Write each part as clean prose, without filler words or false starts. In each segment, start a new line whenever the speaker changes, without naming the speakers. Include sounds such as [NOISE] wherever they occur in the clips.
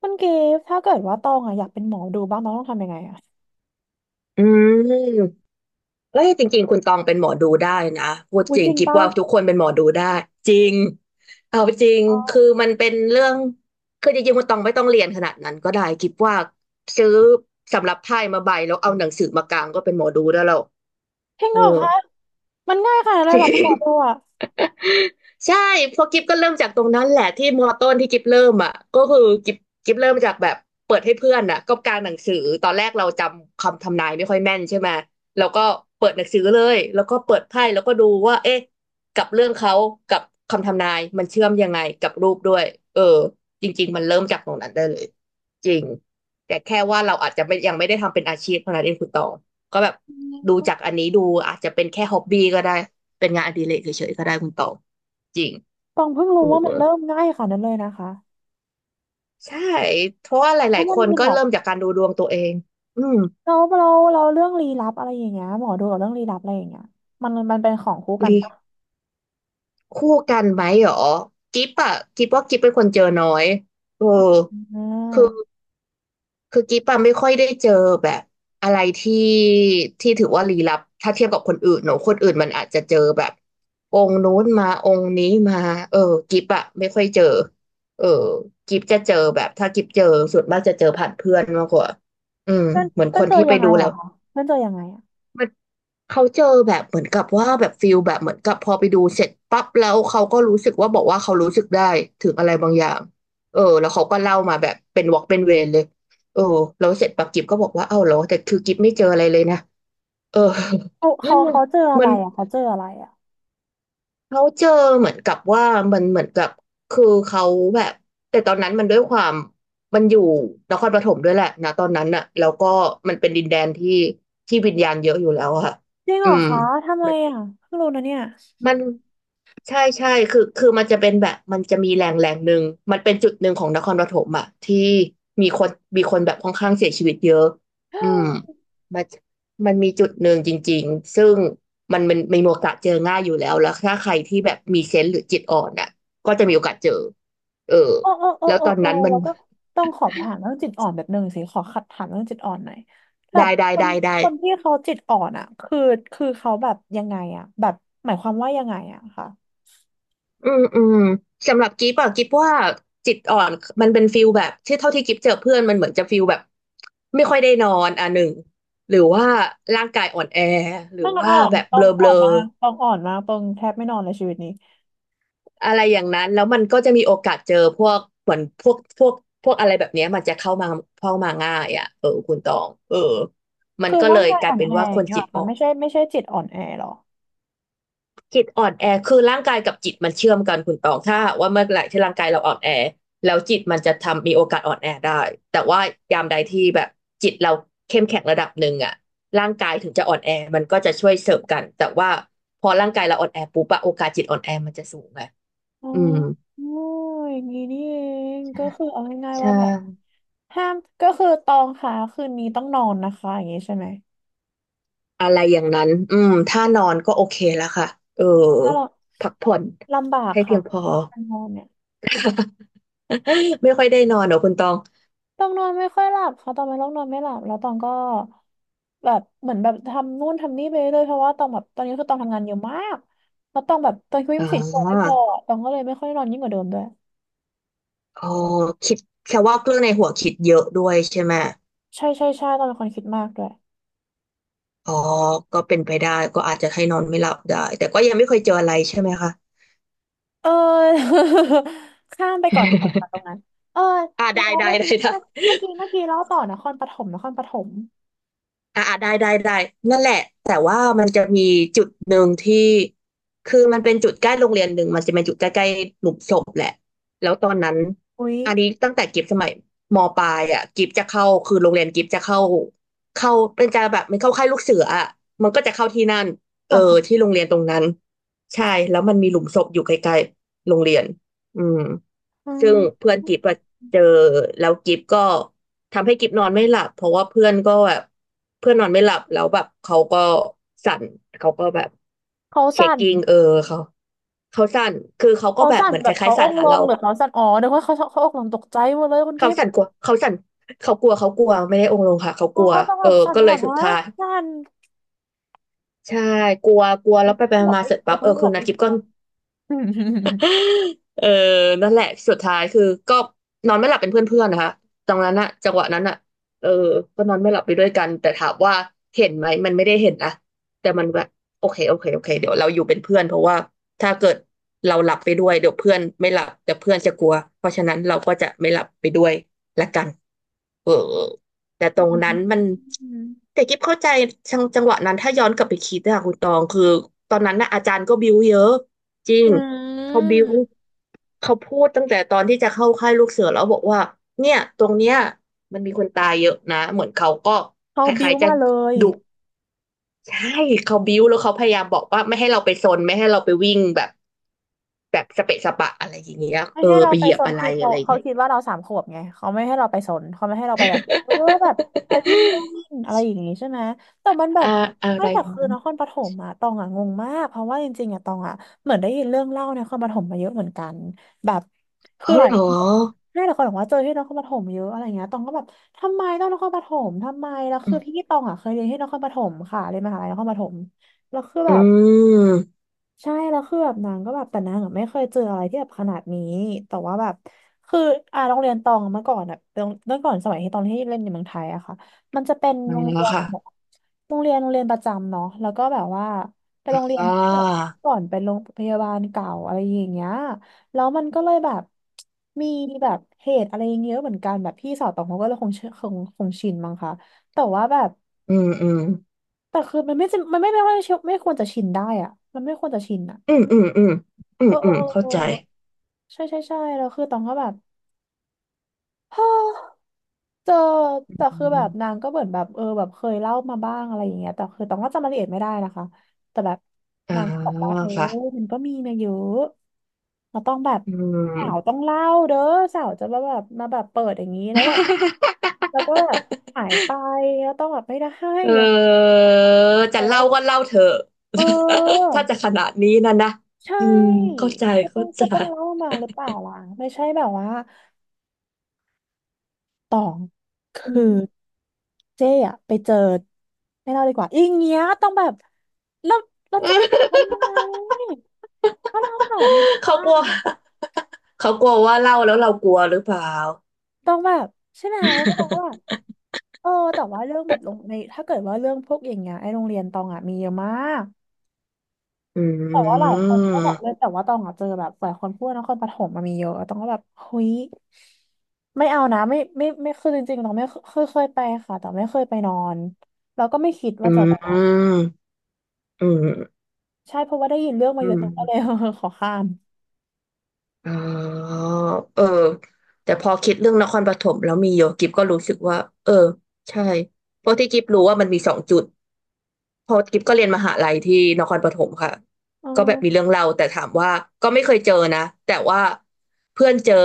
คุณกิฟต์ถ้าเกิดว่าตองอะอยากเป็นหมอดูบ้างตองต้องทำยังไงอะ
อืมเอ้ยจริงๆคุณตองเป็นหมอดูได้นะพูด
อุ้
จ
ย
ริ
จ
ง
ริง
คิด
ปะ
ว่าทุกคนเป็นหมอดูได้จริงเอาจริง
ออ
คือ
ด
มันเป็นเรื่องคือจริงๆคุณตองไม่ต้องเรียนขนาดนั้นก็ได้คิดว่าซื้อสำรับไพ่มาใบแล้วเอาหนังสือมากางก็เป็นหมอดูได้แล้ว
จริง
เอ
เห
อ
รอคะมันง่ายขนาด
[LAUGHS] จ
นั้นเลย
ริ
เหรอหมอดู
ง
อะ
ใช่เพอกิฟก็เริ่มจากตรงนั้นแหละที่มอต้นที่กิฟเริ่มอ่ะก็คือกิฟเริ่มจากแบบเปิดให้เพื่อนอ่ะก็กางหนังสือตอนแรกเราจำคำทำนายไม่ค่อยแม่นใช่ไหมแล้วก็เปิดหนังสือเลยแล้วก็เปิดไพ่แล้วก็ดูว่าเอ๊ะกับเรื่องเขากับคำทำนายมันเชื่อมยังไงกับรูปด้วยเออจริงๆมันเริ่มจากตรงนั้นได้เลยจริงแต่แค่ว่าเราอาจจะไม่ยังไม่ได้ทำเป็นอาชีพเท่านั้นเองคุณตองก็แบบ
อื
ดู
ม
จากอันนี้ดูอาจจะเป็นแค่ฮ็อบบี้ก็ได้เป็นงานอดิเรกเฉยๆก็ได้คุณตอง จริง
ตองเพิ่ง
เอ
รู้
อ
ว่ามันเริ่มง่ายขนาดนั้นเลยนะคะ
ใช่เพราะว่าห
เพ
ลา
ราะ
ยๆค
มัน
น
มี
ก็
แบบ
เริ่มจากการดูดวงตัวเองอืม
เราเรื่องลี้ลับอะไรอย่างเงี้ยหมอดูกับเรื่องลี้ลับอะไรอย่างเงี้ยมันเป็นของคู่กัน
ลี
ปะ
คู่กันไหมหรอกิบอะกิบว่ากิบเป็นคนเจอน้อยเออ
อ่
คือ
า
กิบอะไม่ค่อยได้เจอแบบอะไรที่ถือว่าลี้ลับถ้าเทียบกับคนอื่นเนอะคนอื่นมันอาจจะเจอแบบองค์นู้นมาองค์นี้มาเออกิบอะไม่ค่อยเจอเออกิบจะเจอแบบถ้ากิบเจอส่วนมากจะเจอผ่านเพื่อนมากกว่าอืม
เพื่อน
เหมือน
เพื่
ค
อน
น
เจอ
ที่ไป
ยังไง
ดู
เหร
แล้
อ
ว
คะเพื่อนเจอยังไงอะ
เขาเจอแบบเหมือนกับว่าแบบฟิลแบบเหมือนกับพอไปดูเสร็จปั๊บแล้วเขาก็รู้สึกว่าบอกว่าเขารู้สึกได้ถึงอะไรบางอย่างเออแล้วเขาก็เล่ามาแบบเป็นวอล์กเป็นเวรเลยเออแล้วเสร็จปั๊บกิฟก็บอกว่าเอ้าเหรอแต่คือกิฟไม่เจออะไรเลยนะเออ
เขาเจอ
[LAUGHS]
อะ
มั
ไร
น
อะเขาเจออะไรอะ
เขาเจอเหมือนกับว่ามันเหมือนกับคือเขาแบบแต่ตอนนั้นมันด้วยความมันอยู่นครปฐมด้วยแหละนะตอนนั้นน่ะแล้วก็มันเป็นดินแดนที่ที่วิญญาณเยอะอยู่แล้วอะค่ะ
จริงเห
อื
รอ
ม
คะทำไมอะเพิ่งรู้นะเนี่ย
มันใช่ใช่คือมันจะเป็นแบบมันจะมีแรงแรงหนึ่งมันเป็นจุดหนึ่งของนครปฐมอะที่มีคนมีคนแบบค่อนข้างเสียชีวิตเยอะอืมมันมันมีจุดหนึ่งจริงๆซึ่งมันมีโอกาสเจอง่ายอยู่แล้วแล้วถ้าใครที่แบบมีเซนส์หรือจิตอ่อนอะก็จะมีโอกาสเจอเออ
โอ้โอ้โอ้
แล้ว
โอ้
ตอน
โอ้
นั้นมัน
แล้วก็ต้องขอถามเรื่องจิตอ่อนแบบหนึ่งสิขอขัดถามเรื่องจิตอ่อนหน่อยแบบ
ได้ได้
คน
ได้ได้
คนที่เขาจิตอ่อนอ่ะคือคือเขาแบบยังไงอ่ะแบบหมายความว่ายังไงอ่ะค่ะ
อืมสำหรับกิฟอะกิฟว่าจิตอ่อนมันเป็นฟิลแบบที่เท่าที่กิฟเจอเพื่อนมันเหมือนจะฟิลแบบไม่ค่อยได้นอนอ่ะหนึ่งหรือว่าร่างกายอ่อนแอหรือ
ต้องกัน
ว่า
อ่อน
แบบ
ต้อ
เบล
ง
อเบ
อ่
ล
อ
อ
นมากต้องอ่อนมากต้องแทบไม่นอนเลยชีวิตนี้
อะไรอย่างนั้นแล้วมันก็จะมีโอกาสเจอพวกเหมือนพวกอะไรแบบเนี้ยมันจะเข้ามาเข้ามาง่ายอ่ะเออคุณตองเออมัน
คือ
ก็เล
ร่าง
ย
กาย
กลา
อ่
ย
อน
เป็น
แอ
ว่า
อ
ค
ย่า
น
งเงี้ย
จิ
เหร
ต
อค่ะ
อ่อน
ไม่ใช่ไม่ใช่จิตอ่อนแอหรอ
จิตอ่อนแอคือร่างกายกับจิตมันเชื่อมกันคุณตองถ้าหากว่าเมื่อไหร่ที่ร่างกายเราอ่อนแอแล้วจิตมันจะทำมีโอกาสอ่อนแอได้แต่ว่ายามใดที่แบบจิตเราเข้มแข็งระดับหนึ่งอะร่างกายถึงจะอ่อนแอมันก็จะช่วยเสริมกันแต่ว่าพอร่างกายเราอ่อนแอปุ๊บอะโอกาสจิตอ่อนแอมันจะสูงไง
อ๋อ
อืม
อย่างงี้นี่เองก็คือเอาง่ายๆ
ใช่
ว่าแบบห้ามก็คือตองค่ะคืนนี้ต้องนอนนะคะอย่างงี้ใช่ไหม
อะไรอย่างนั้นอืมถ้านอนก็โอเคแล้วค่ะเออ
ถ้าเรา
พักผ่อน
ลำบาก
ให้เพี
ค่ะ
ยงพอ
การนอนเนี่ย
[LAUGHS] ไม่ค่อยได้นอนเหรอคุณตอง
ต้องนอนไม่ค่อยหลับค่ะตองเป็นโรคนอนไม่หลับแล้วตองก็แบบเหมือนแบบทำนู่นทำนี่ไปเรื่อยเพราะว่าตองแบบตอนนี้คือตองทำงานเยอะมากแล้วตองแบบตอนคือยี่
อ๋
สิบสี่ชั่วโมงไม่พอ
อ
ตองก็เลยไม่ค่อยนอนยิ่งกว่าเดิมด้วย
อ๋อคิดแค่ว่าเรื่องในหัวคิดเยอะด้วยใช่ไหม
ใช่ใช่ใช่ตองเป็นคนคิดมากด้วย
อ๋อก็เป็นไปได้ก็อาจจะให้นอนไม่หลับได้แต่ก็ยังไม่เคยเจออะไรใช่ไหมคะ
เออ [LAUGHS] ข้ามไปก่อนดีกว่าค่ะตรง
[LAUGHS]
นั้นเออ
อ่า
แล้
ได้
ว
ได้
เม
ได้ได้
ื่อเมื่อกี้เล่าต่อนครปฐม
อ่าได้นั่นแหละ แต่ว่ามันจะมีจุดหนึ่งที่คือมันเป็นจุดใกล้โรงเรียนหนึ่งมันจะเป็นจุดใกล้ๆหลุมศพแหละแล้วตอนนั้น
อุ๊ย
อันนี้ตั้งแต่กิฟสมัยมปลายอ่ะกิฟจะเข้าคือโรงเรียนกิฟจะเข้าเข้าเป็นจะแบบมันเข้าค่ายลูกเสืออ่ะมันก็จะเข้าที่นั่นเออ
ค่ะค่ะ
ที่โรงเรียนตรงนั้นใช่แล้วมันมีหลุมศพอยู่ใกลๆโรงเรียนอืม
อื
ซึ่ง
ม
เพื่อนกิฟต์อะเจอแล้วกิฟต์ก็ทำให้กิฟต์นอนไม่หลับเพราะว่าเพื่อนก็แบบเพื่อนนอนไม่หลับแล้วแบบเขาก็สั่นเขาก็แบบ
เขา
เช็
สั่
ค
น
กิ้งเขาสั่นคือเขาก็
เขา
แบบ
สั่
เห
น
มือนค
แบบ
ล้า
เขา
ยๆ
อ
สั่น
งค์
หา
ล
เรา
งหรือเขาสั่นอ๋อเดี๋ยวเขาอกลงตกใจหมดเลยคุณ
เขา
กิฟต์
สั่นกลัวเขาสั่นเขากลัวเขากลัวไม่ได้องค์ลงค่ะเขาก
อ๋อ
ลัว
ต้อง
เอ
แบ
อ
บสั่น
ก็เล
แบ
ย
บ
สุด
ฮะ
ท้าย
สั่น
ใช่กลัวกลัว
คุ
แล้
ณ
วไป
กิฟ
ไป
ต์บอก
มาๆ
ให้
เสร็จ
เคลีย
ปั๊
ร์
บ
เขาไม่
คื
บ
อ
อก
นัด
ให้
กิฟ
เคลี
ก็
ยร์อืม
[LAUGHS] เออนั่นแหละสุดท้ายคือก็นอนไม่หลับเป็นเพื่อนๆนะคะตรงนั้นอะจังหวะนั้นอะเออก็นอนไม่หลับไปด้วยกันแต่ถามว่าเห็นไหมมันไม่ได้เห็นนะแต่มันแบบโอเคโอเคโอเคเดี๋ยวเราอยู่เป็นเพื่อนเพราะว่าถ้าเกิดเราหลับไปด้วยเดี๋ยวเพื่อนไม่หลับแต่เพื่อนจะกลัวเพราะฉะนั้นเราก็จะไม่หลับไปด้วยละกัน เออแต่ตรงนั้นมันแต่กิ๊บเข้าใจจังหวะนั้นถ้าย้อนกลับไปคิดอะคุณตองคือตอนนั้นนะอาจารย์ก็บิ้วเยอะจริ
อื
งเขา
ม
บิ้วเขาพูดตั้งแต่ตอนที่จะเข้าค่ายลูกเสือแล้วบอกว่าเนี่ยตรงเนี้ยมันมีคนตายเยอะนะเหมือนเขาก็
เขา
ค
บิ้
ล้า
ว
ยๆจะ
มาเลย
ดุใช่เขาบิ้วแล้วเขาพยายามบอกว่าไม่ให้เราไปซนไม่ให้เราไปวิ่งแบบแบบสเปะสปะอะไรอย่างเงี้ย
ไม่ให้เรา
ไป
ไป
เหยีย
ซ
บ
น
อะไร
คือ
อะ
เขา
ไร
เขา
เงี้ย
คิดว่าเราสามขวบไงเขาไม่ให้เราไปซนเขาไม่ให้เราไปแบบเออแบบไปวิ่งเล่นอะไรอย่างงี้ใช่ไหมแต่มันแบบ
อ่าอะ
ไม่
ไร
แต่คือ
นั้น
นครปฐมอะตองอะงงมากเพราะว่าจริงๆอะตองอะเหมือนได้ยินเรื่องเล่าในนครปฐมมาเยอะเหมือนกันแบบคือ
เขา
หลาย
เหร
ค
อ
นบอกให้หลายคนบอกว่าเจอที่นครปฐมเยอะอะไรเงี้ยตองก็แบบทำไมต้องนครปฐมทำไมแล้ว
อื
คือ
ม
ที่ตองอะเคยเรียนที่นครปฐมค่ะเรียนมหาลัยนครปฐมแล้วคือ
อื
แบบ
ม
ใช่แล้วคือแบบนางก็แบบแต่นางอะไม่เคยเจออะไรที่แบบขนาดนี้แต่ว่าแบบคืออ่าโรงเรียนตองอะเมื่อก่อนอะตองเมื่อก่อนสมัยที่ตองที่เล่นในเมืองไทยอะค่ะมันจะเป็น
มา
โรงเรี
แล้
ย
ว
น
ค่ะ
แบบโรงเรียนประจำเนาะแล้วก็แบบว่าเป็นโรงเรียน
อ่า
ที่แบบเมื่อก่อนเป็นโรงพยาบาลเก่าอะไรอย่างเงี้ยแล้วมันก็เลยแบบมีแบบเหตุอะไรอย่างเงี้ยเยอะเหมือนกันแบบพี่สาวตองเขาก็เลยคงชินมั้งคะแต่ว่าแบบ
อืมอืม
แต่คือมันไม่จำมันไม่ไม่ว่าไม่ควรจะชินได้อะมันไม่ควรจะชินอะ
อืมอืมอืมอื
เอ
ม
อ
อืม
เออ
เข้า
เออ
ใจ
ใช่ใช่ใช่แล้วคือตองก็แบบเจอ
อื
แต่คือแบบนา
ม
งก็เหมือนแบบเออแบบเคยเล่ามาบ้างอะไรอย่างเงี้ยแต่คือตองก็จำรายละเอียดไม่ได้นะคะแต่แบบ
อ่า
นางก็บอกว่าเออ
ค่ะ
มันก็มีมาเยอะเราต้องแบบ
อื
สาว
ม
ต้องเล่าเด้อสาวจะมาแบบมาแบบเปิดอย่างนี้แล้วแบบ
[LAUGHS]
แล้วก็แบบหายไปแล้วต้องแบบไม่ได้ให้
เอ
มัน
อ
ต้องพ
จะเล่า
บ
ก็เล่าเถอะ
เออ
[LAUGHS] ถ้าจะขนาดนี้นะนะ
ใช่
อืมเข้าใจ
ก็ต้อ
เข้า
ง
ใจ
ก็ต้องเล่ามาหรือเปล่าล่ะไม่ใช่แบบว่า ตองค
[LAUGHS] อื
ื
ม
อเจ๊อะไปเจอไม่เล่าดีกว่าอย่างเงี้ยต้องแบบเราเราจะขับทำไมก็เล่าต่อดี
เขา
ป่ะ
กลัวเขากลัวว่าเล่าแล้วเรากลัวหรือเปล่า
ต้องแบบใช่ไหมก็บอกว่าเออแต่ว่าเรื่องแบบลงในถ้าเกิดว่าเรื่องพวกอย่างเงี้ยไอ้โรงเรียนตองอ่ะมีเยอะมาก
[LAUGHS] อื
แต่ว่าหลายคนก็บอกเลย
ม
แต่ว่าตองอ่ะเจอแบบหลายคนพูดว่านครปฐมมันมีเยอะตองก็แบบเฮ้ยไม่เอานะไม่ไม่ไม่คือจริงๆตองไม่เคยไปค่ะแต่ไม่เคยไปนอนแล้วก็ไม่คิด
อื
ว่าจะไป
มอืม
ใช่เพราะว่าได้ยินเรื่องมา
อื
เยอะ
ม
ตรงก็เลย [LAUGHS] ขอข้าม
อ๋อเออแต่พอคิดเรื่องนครปฐมแล้วมีโยกิฟก็รู้สึกว่าเออใช่เพราะที่กิฟรู้ว่ามันมีสองจุดเพอกิฟก็เรียนมหาลัยที่นครปฐมค่ะ
อ๋
ก็แบบมี
อ
เรื่องเล่าแต่ถามว่าก็ไม่เคยเจอนะแต่ว่าเพื่อนเจอ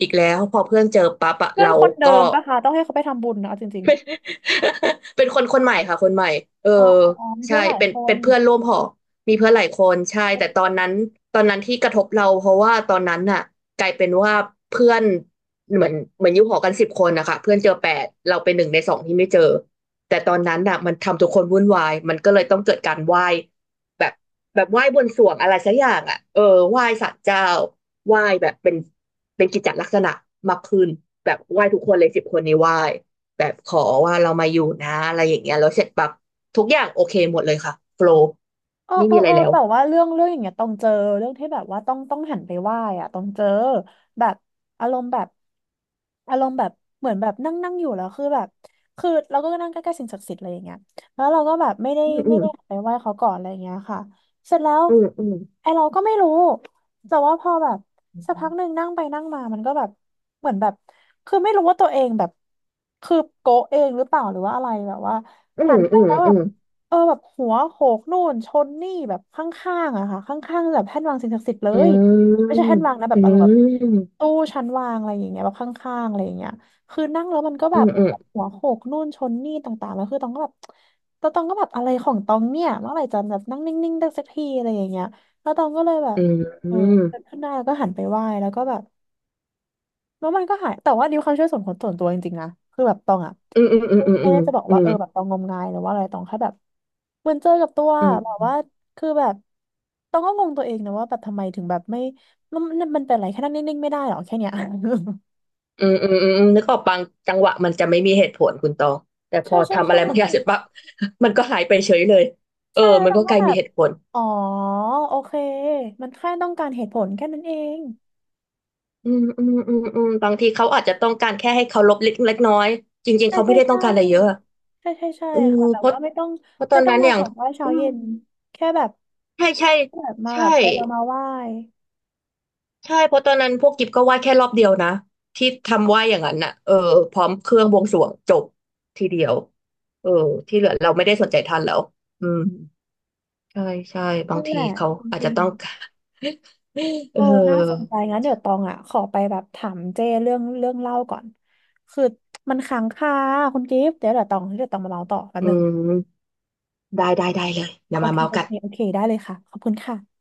อีกแล้วพอเพื่อนเจอปั๊บอะ
เพื่อ
เรา
นคนเดิ
ก็
มปะคะต้องให้เขาไปทำบุญนะเอาจริง
[LAUGHS] เป็นคนคนใหม่ค่ะคนใหม่เออ
ๆอ๋ออ๋ออ๋อมี
ใช่
เพื่อนหลาย
เป็น
ค
เป็
น
นเพื่อนร่วมหอมีเพื่อนหลายคนใช่แต่ตอนนั้นตอนนั้นที่กระทบเราเพราะว่าตอนนั้นน่ะกลายเป็นว่าเพื่อนเหมือนเหมือนอยู่หอกันสิบคนนะคะเพื่อนเจอแปดเราเป็นหนึ่งในสองที่ไม่เจอแต่ตอนนั้นน่ะมันทำทุกคนวุ่นวายมันก็เลยต้องเกิดการไหว้แบบแบบไหว้บนสรวงอะไรสักอย่างอ่ะไหว้ศาลเจ้าไหว้แบบเป็นเป็นกิจจลักษณะมากขึ้นแบบไหว้ทุกคนเลยสิบคนนี้ไหว้ แบบขอว่าเรามาอยู่นะอะไรอย่างเงี้ยแล้วเสร็จปั๊บทุกอย่างโอเคหมดเลยค่ะโฟลว์
โอ้
ไม่
โอ้
มีอะไร
โอ้
แล้ว
แต่ว่าเรื่องอย่างเงี้ยต้องเจอเรื่องที่แบบว่าต้องหันไปไหว้อะต้องเจอแบบอารมณ์แบบอารมณ์แบบเหมือนแบบนั่งนั่งอยู่แล้วคือแบบคือเราก็นั่งใกล้ๆสิ่งศักดิ์สิทธิ์อะไรอย่างเงี้ยแล้วเราก็แบบ
อื
ไม่
ม
ได้หันไปไหว้เขาก่อนอะไรอย่างเงี้ยค่ะเสร็จแล้ว
อืมอืม
ไอเราก็ไม่รู้แต่ว่าพอแบบ
อื
สักพั
ม
กหนึ่งนั่งไปนั่งมามันก็แบบเหมือนแบบคือไม่รู้ว่าตัวเองแบบคือโกะเองหรือเปล่าหรือว่าอะไรแบบว่า
อื
หั
ม
นไป
อืม
แล้วแบ
อื
บ
ม
เออแบบหัวโขกนู่นชนนี่แบบข้างๆอะค่ะข้างๆแบบแท่นวางสิ่งศักดิ์สิทธิ์เลยไม่ใช่แท่นวางนะแบ
อื
บอารมณ์แบบ
ม
ตู้ชั้นวางอะไรอย่างเงี้ยแบบข้างๆอะไรอย่างเงี้ยคือนั่งแล้วมันก็แบ
อื
บ
มอืม
หัวโขกนู่นชนนี่ต่างๆแล้วคือตองก็แบบตองก็แบบอะไรของตองเนี่ยเมื่อไหร่จะแบบนั่งนิ่งๆได้สักทีอะไรอย่างเงี้ยแล้วตองก็เลยแบบ
อื
เออ
ม
เดินขึ้นได้แล้วก็หันไปไหว้แล้วก็แบบ แล้วมันก็หายแต่ว่านิวความเชื่อส่วนขส่วนตัวจริงๆนะคือแบบตองอ่ะ
อืมอืมอืมอืมอื
ไม่
ม
ได้จะบอก
อืมอืม
ว่าเออ
อืม
แบบตองงมงายหรือว่าอะไรตองแค่แบบเหมือนเจอกับตัว
อื
แบบว่า
ม
คือแบบตองก็งงตัวเองนะว่าแบบทำไมถึงแบบไม่มันเป็นอะไรแค่นั่งนิ่งๆไม่ได้หรอแค่เนี้ย
อืมอืมอนึกออกบางจังหวะมันจะไม่มีเหตุผลคุณตองแต่
[LAUGHS]
พ
ใช่
อ
ใช่
ทำอะ
ใช่
ไรบางอย่างเสร็จปั๊บมันก็หายไปเฉยเลย
ใช่แล้ว
มัน
ตอง
ก็ก
ก็
ลาย
แบ
มี
บ
เหตุผล
อ๋อโอเคมันแค่ต้องการเหตุผลแค่นั้นเอง
อืมอืมอืมอืมบางทีเขาอาจจะต้องการแค่ให้เคารพเล็กเล็กน้อยจริงๆ
ใช่
เขาไม่
ใช่
ได้ต้อ
ใช่
งการอะไรเยอะ
ใช่ใช่ใช่
เออ
ค่ะแบบ
เพราะ
ว่า
เพราะตอ
ไม่
น
ต้อง
นั้น
มา
อย่า
ข
ง
อไหว้เช้า
อืม
เย็นแค่แบบ
ใช่ใช่
แบบมา
ใช่
แบบไปเรามาไหว้
ใช่เพราะตอนนั้นพวกกิฟก็ไหว้แค่รอบเดียวนะที่ทำไหว้อย่างนั้นน่ะพร้อมเครื่องบวงสรวงจบทีเดียวเออที่เหลือเราไม่ได้สนใจท่านแล้วอืมใช่ใช่บา
นั่
ง
นแห
ที
ละ
เขา
จ
อาจ
ริ
จะ
ง
ต้อง [LAUGHS] การ [LAUGHS]
ๆ
เอ
เอ
อ
อน่าสนใจงั้นเดี๋ยวตองอ่ะขอไปแบบถามเจ้เรื่องเรื่องเล่าก่อนคือมันค้างคาคุณกิฟต์เดี๋ยวเดี๋ยวตองเดี๋ยวตองมาเล่าต่อแป๊บ
อื
นึง
มได้ได้ได้เลยอย่า
โอ
มา
เค
เมา
โอ
กั
เค
น
โอเคได้เลยค่ะขอบคุณค่ะ